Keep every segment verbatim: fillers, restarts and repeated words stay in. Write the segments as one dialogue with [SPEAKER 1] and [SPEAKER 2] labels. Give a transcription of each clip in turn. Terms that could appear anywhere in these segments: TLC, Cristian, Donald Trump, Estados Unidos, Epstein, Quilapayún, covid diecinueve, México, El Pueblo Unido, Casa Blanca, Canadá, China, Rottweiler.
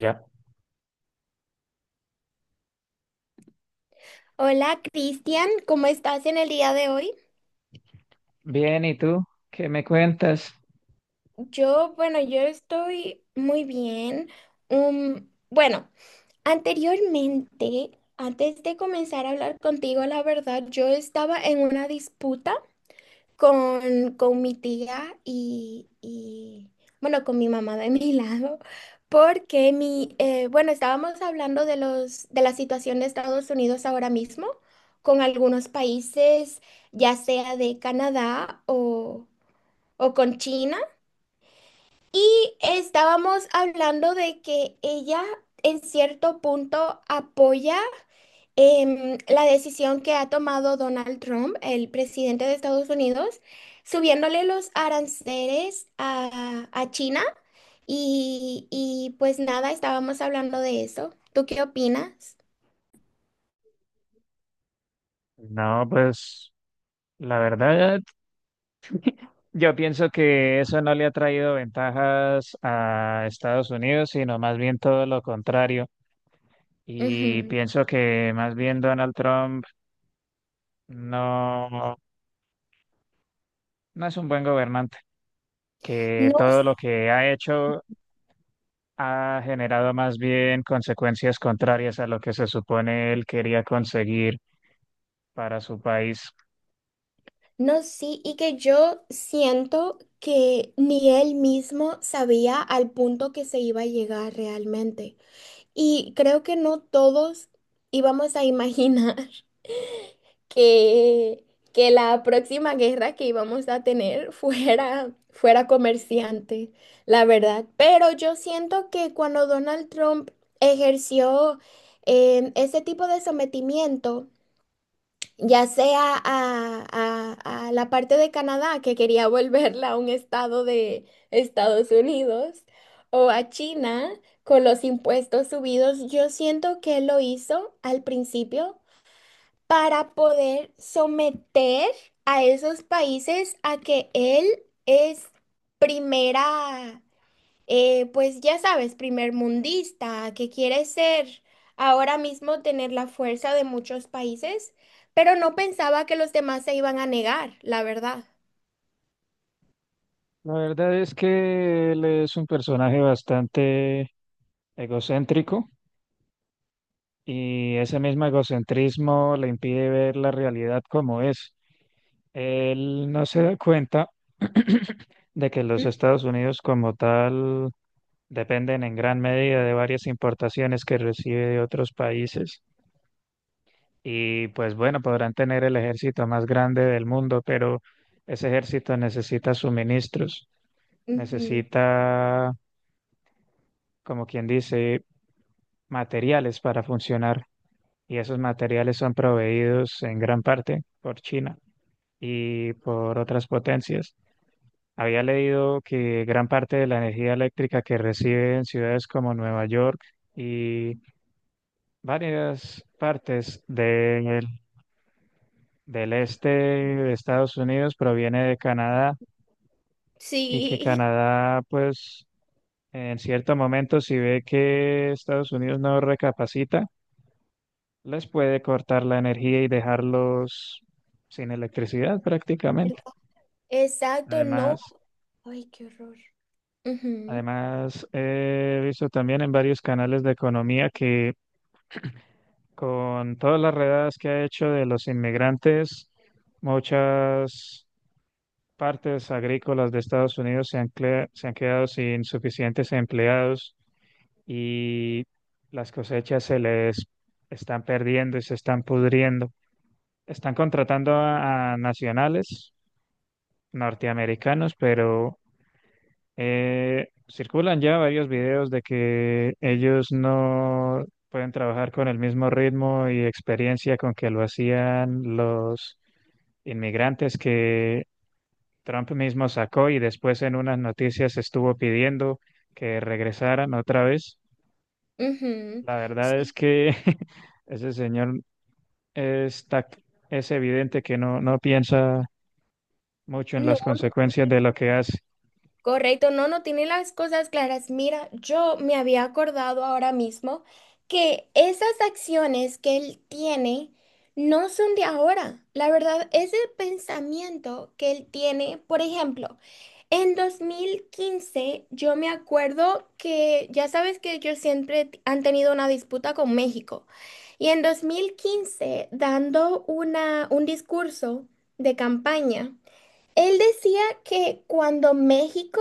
[SPEAKER 1] Ya.
[SPEAKER 2] Hola Cristian, ¿cómo estás en el día de hoy?
[SPEAKER 1] Bien, ¿y tú? ¿Qué me cuentas?
[SPEAKER 2] Yo, bueno, yo estoy muy bien. Um, bueno, anteriormente, antes de comenzar a hablar contigo, la verdad, yo estaba en una disputa con, con mi tía y, y, bueno, con mi mamá de mi lado, porque mi, eh, bueno, estábamos hablando de los, de la situación de Estados Unidos ahora mismo, con algunos países, ya sea de Canadá o, o con China, y estábamos hablando de que ella en cierto punto apoya em, la decisión que ha tomado Donald Trump, el presidente de Estados Unidos, subiéndole los aranceles a, a China y, y, pues nada, estábamos hablando de eso. ¿Tú qué opinas?
[SPEAKER 1] No, pues la verdad, yo pienso que eso no le ha traído ventajas a Estados Unidos, sino más bien todo lo contrario. Y
[SPEAKER 2] Ujú.
[SPEAKER 1] pienso que más bien Donald Trump no, no es un buen gobernante, que
[SPEAKER 2] No,
[SPEAKER 1] todo lo que ha hecho ha generado más bien consecuencias contrarias a lo que se supone él quería conseguir para su país.
[SPEAKER 2] no, sí, y que yo siento que ni él mismo sabía al punto que se iba a llegar realmente. Y creo que no todos íbamos a imaginar. que, que la próxima guerra que íbamos a tener fuera, fuera comerciante, la verdad. Pero yo siento que cuando Donald Trump ejerció eh, ese tipo de sometimiento, ya sea a, a a la parte de Canadá, que quería volverla a un estado de Estados Unidos, o a China con los impuestos subidos, yo siento que él lo hizo al principio para poder someter a esos países a que él es primera, eh, pues ya sabes, primer mundista, que quiere ser ahora mismo tener la fuerza de muchos países, pero no pensaba que los demás se iban a negar, la verdad.
[SPEAKER 1] La verdad es que él es un personaje bastante egocéntrico y ese mismo egocentrismo le impide ver la realidad como es. Él no se da cuenta de que los Estados Unidos como tal dependen en gran medida de varias importaciones que recibe de otros países. Y pues bueno, podrán tener el ejército más grande del mundo, pero ese ejército necesita suministros,
[SPEAKER 2] Ujú.
[SPEAKER 1] necesita, como quien dice, materiales para funcionar. Y esos materiales son proveídos en gran parte por China y por otras potencias. Había leído que gran parte de la energía eléctrica que recibe en ciudades como Nueva York y varias partes del del este de Estados Unidos proviene de Canadá, y que
[SPEAKER 2] Sí,
[SPEAKER 1] Canadá, pues, en cierto momento, si ve que Estados Unidos no recapacita, les puede cortar la energía y dejarlos sin electricidad prácticamente.
[SPEAKER 2] ¿verdad? Exacto, no.
[SPEAKER 1] Además,
[SPEAKER 2] Ay, qué horror. Ujú,
[SPEAKER 1] además he visto también en varios canales de economía que con todas las redadas que ha hecho de los inmigrantes, muchas partes agrícolas de Estados Unidos se han, cle- se han quedado sin suficientes empleados y las cosechas se les están perdiendo y se están pudriendo. Están contratando a, a nacionales norteamericanos, pero eh, circulan ya varios videos de que ellos no pueden trabajar con el mismo ritmo y experiencia con que lo hacían los inmigrantes que Trump mismo sacó y después en unas noticias estuvo pidiendo que regresaran otra vez.
[SPEAKER 2] ujú.
[SPEAKER 1] La verdad es
[SPEAKER 2] Sí,
[SPEAKER 1] que ese señor está, es evidente que no, no piensa mucho en
[SPEAKER 2] no.
[SPEAKER 1] las
[SPEAKER 2] No.
[SPEAKER 1] consecuencias de lo que hace.
[SPEAKER 2] Correcto, no, no tiene las cosas claras. Mira, yo me había acordado ahora mismo que esas acciones que él tiene no son de ahora. La verdad, ese pensamiento que él tiene, por ejemplo, en dos mil quince yo me acuerdo que ya sabes que ellos siempre t- han tenido una disputa con México. Y en dos mil quince dando una, un discurso de campaña. Él decía que cuando México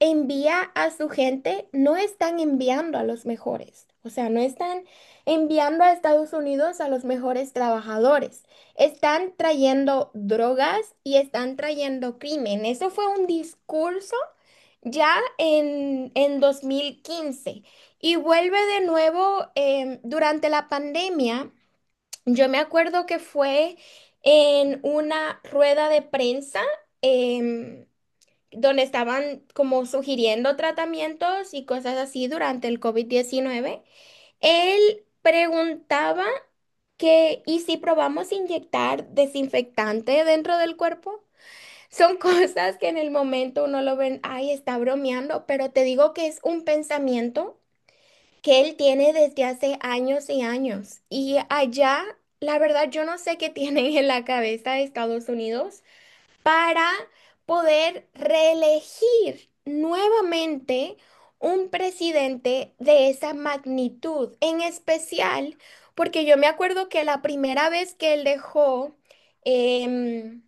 [SPEAKER 2] envía a su gente, no están enviando a los mejores. O sea, no están enviando a Estados Unidos a los mejores trabajadores. Están trayendo drogas y están trayendo crimen. Eso fue un discurso ya en, en dos mil quince. Y vuelve de nuevo em, durante la pandemia. Yo me acuerdo que fue en una rueda de prensa em, donde estaban como sugiriendo tratamientos y cosas así durante el covid diecinueve. Él preguntaba que, ¿y si probamos inyectar desinfectante dentro del cuerpo? Son cosas que en el momento uno lo ven, ay, está bromeando, pero te digo que es un pensamiento que él tiene desde hace años y años. Y allá, la verdad, yo no sé qué tienen en la cabeza de Estados Unidos para poder reelegir nuevamente un presidente de esa magnitud, en especial porque yo me acuerdo que la primera vez que él dejó... em,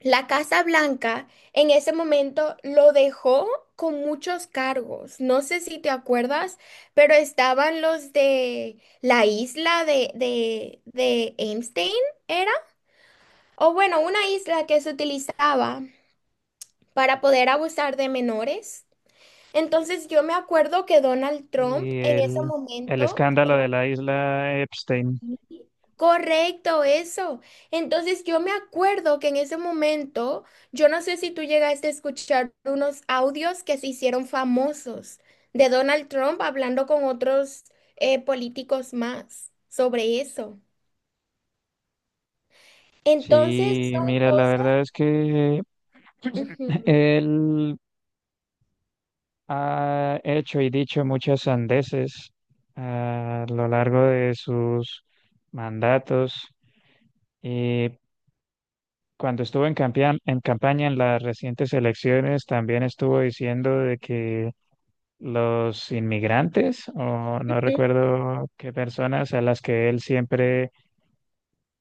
[SPEAKER 2] la Casa Blanca en ese momento lo dejó con muchos cargos. No sé si te acuerdas, pero estaban los de la isla de, de, de Epstein, ¿era? O bueno, una isla que se utilizaba para poder abusar de menores. Entonces yo me acuerdo que Donald Trump
[SPEAKER 1] Y
[SPEAKER 2] en ese
[SPEAKER 1] el, el
[SPEAKER 2] momento.
[SPEAKER 1] escándalo de la isla Epstein.
[SPEAKER 2] Correcto, eso. Entonces yo me acuerdo que en ese momento, yo no sé si tú llegaste a escuchar unos audios que se hicieron famosos de Donald Trump hablando con otros eh, políticos más sobre eso. Entonces
[SPEAKER 1] Sí,
[SPEAKER 2] son
[SPEAKER 1] mira, la
[SPEAKER 2] cosas.
[SPEAKER 1] verdad es que
[SPEAKER 2] Ujú.
[SPEAKER 1] él ha hecho y dicho muchas sandeces ah, a lo largo de sus mandatos y cuando estuvo en campea- en campaña en las recientes elecciones también estuvo diciendo de que los inmigrantes o no
[SPEAKER 2] Ujú.
[SPEAKER 1] recuerdo qué personas a las que él siempre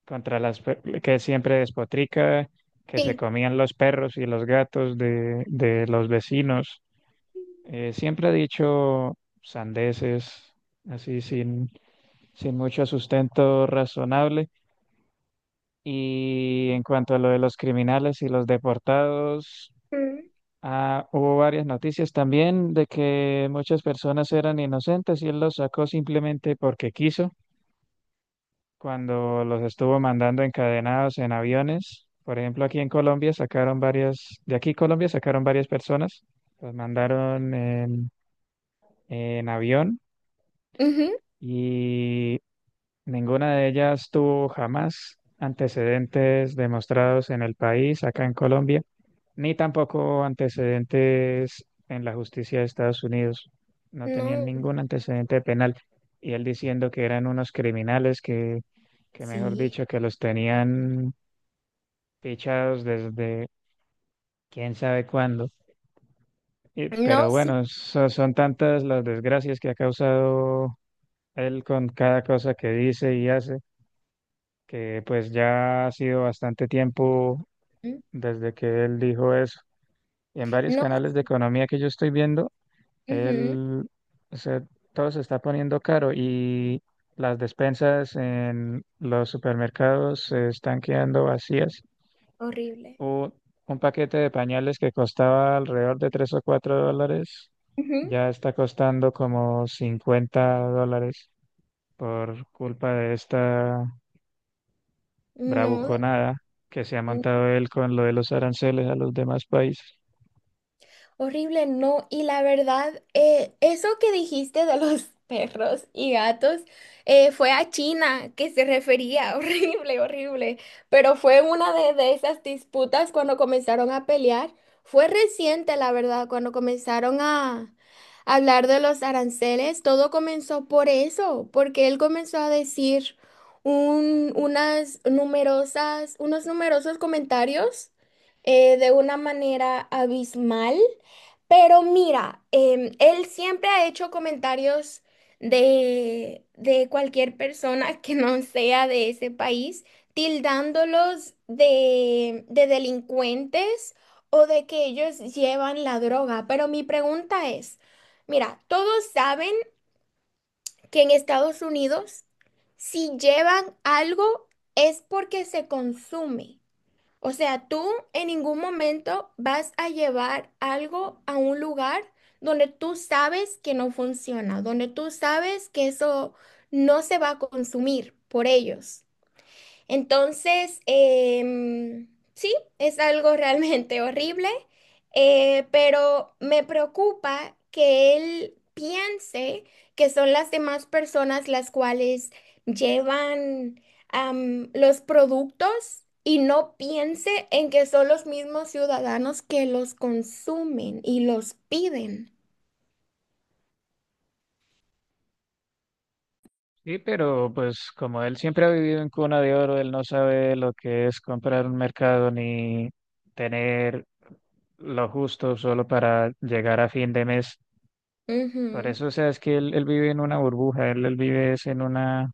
[SPEAKER 1] contra las pe- que él siempre despotrica, que se
[SPEAKER 2] Sí.
[SPEAKER 1] comían los perros y los gatos de, de los vecinos. Eh, siempre ha dicho sandeces, así sin, sin mucho sustento razonable. Y en cuanto a lo de los criminales y los deportados,
[SPEAKER 2] Ujú.
[SPEAKER 1] ah, hubo varias noticias también de que muchas personas eran inocentes y él los sacó simplemente porque quiso, cuando los estuvo mandando encadenados en aviones. Por ejemplo, aquí en Colombia sacaron varias, de aquí Colombia sacaron varias personas, los mandaron en en avión.
[SPEAKER 2] Ujú.
[SPEAKER 1] Y ninguna de ellas tuvo jamás antecedentes demostrados en el país, acá en Colombia, ni tampoco antecedentes en la justicia de Estados Unidos. No tenían
[SPEAKER 2] No.
[SPEAKER 1] ningún antecedente penal. Y él diciendo que eran unos criminales que, que mejor
[SPEAKER 2] Sí,
[SPEAKER 1] dicho, que los tenían fichados desde quién sabe cuándo. Y-
[SPEAKER 2] no,
[SPEAKER 1] pero
[SPEAKER 2] sí.
[SPEAKER 1] bueno, so- son tantas las desgracias que ha causado él con cada cosa que dice y hace, que pues ya ha sido bastante tiempo
[SPEAKER 2] Ujú.
[SPEAKER 1] desde que él dijo eso. Y en varios
[SPEAKER 2] No.
[SPEAKER 1] canales de economía que yo estoy viendo,
[SPEAKER 2] Ujú,
[SPEAKER 1] él, o sea, todo se está poniendo caro y las despensas en los supermercados se están quedando vacías.
[SPEAKER 2] horrible.
[SPEAKER 1] O un paquete de pañales que costaba alrededor de tres o cuatro dólares,
[SPEAKER 2] Ujú.
[SPEAKER 1] ya está costando como cincuenta dólares, por culpa de esta bravuconada que se ha
[SPEAKER 2] No.
[SPEAKER 1] montado él con lo de los aranceles a los demás países.
[SPEAKER 2] Horrible, no. Y la verdad, eh, eso que dijiste de los perros y gatos eh, fue a China que se refería. Horrible, horrible. Pero fue una de, de esas disputas cuando comenzaron a pelear. Fue reciente, la verdad, cuando comenzaron a hablar de los aranceles. Todo comenzó por eso, porque él comenzó a decir un- unas numerosas, unos numerosos comentarios eh, de una manera abismal. Pero mira, em, él siempre ha hecho comentarios de, de cualquier persona que no sea de ese país, tildándolos de, de delincuentes o de que ellos llevan la droga. Pero mi pregunta es, mira, todos saben que en Estados Unidos, si llevan algo, es porque se consume. O sea, tú en ningún momento vas a llevar algo a un lugar donde tú sabes que no funciona, donde tú sabes que eso no se va a consumir por ellos. Entonces, em, sí, es algo realmente horrible, eh, pero me preocupa que él piense que son las demás personas las cuales llevan, am, los productos y no piense en que son los mismos ciudadanos que los consumen y los piden.
[SPEAKER 1] Sí, pero pues como él siempre ha vivido en cuna de oro, él no sabe lo que es comprar un mercado ni tener lo justo solo para llegar a fin de mes. Por
[SPEAKER 2] Ujú.
[SPEAKER 1] eso, o sea, es que él, él vive en una burbuja, él, él vive es en una,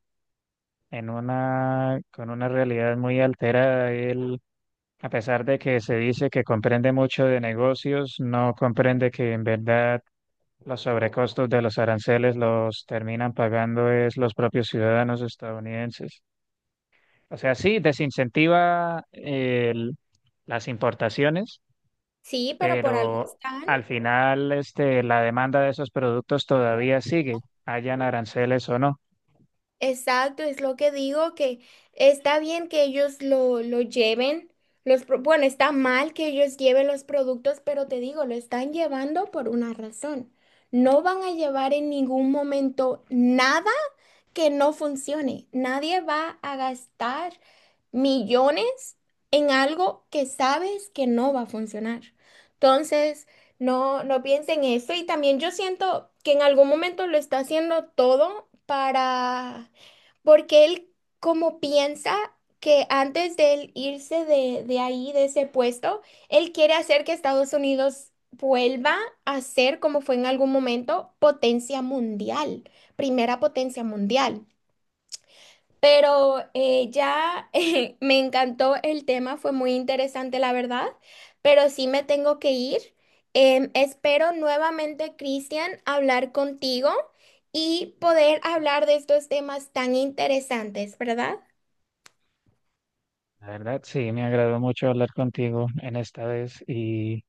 [SPEAKER 1] en una, con una realidad muy alterada. Él, a pesar de que se dice que comprende mucho de negocios, no comprende que en verdad los sobrecostos de los aranceles los terminan pagando es los propios ciudadanos estadounidenses. O sea, sí, desincentiva el- las importaciones,
[SPEAKER 2] Sí, pero por algo
[SPEAKER 1] pero
[SPEAKER 2] están.
[SPEAKER 1] al final este, la demanda de esos productos todavía sigue, hayan aranceles o no.
[SPEAKER 2] Exacto, es lo que digo, que está bien que ellos lo, lo lleven, los, pro- bueno, está mal que ellos lleven los productos, pero te digo, lo están llevando por una razón. No van a llevar en ningún momento nada que no funcione. Nadie va a gastar millones en algo que sabes que no va a funcionar. Entonces, no, no piensen eso. Y también yo siento que en algún momento lo está haciendo todo para, porque él como piensa que antes de él irse de, de ahí, de ese puesto, él quiere hacer que Estados Unidos vuelva a ser, como fue en algún momento, potencia mundial, primera potencia mundial. Pero eh, ya eh, me encantó el tema, fue muy interesante, la verdad, pero sí me tengo que ir. Em, espero nuevamente, Cristian, hablar contigo y poder hablar de estos temas tan interesantes, ¿verdad?
[SPEAKER 1] La verdad, sí, me agradó mucho hablar contigo en esta vez y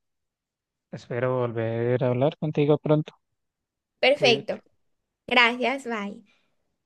[SPEAKER 1] espero volver a hablar contigo pronto.
[SPEAKER 2] Perfecto.
[SPEAKER 1] Cuídate.
[SPEAKER 2] Gracias, bye.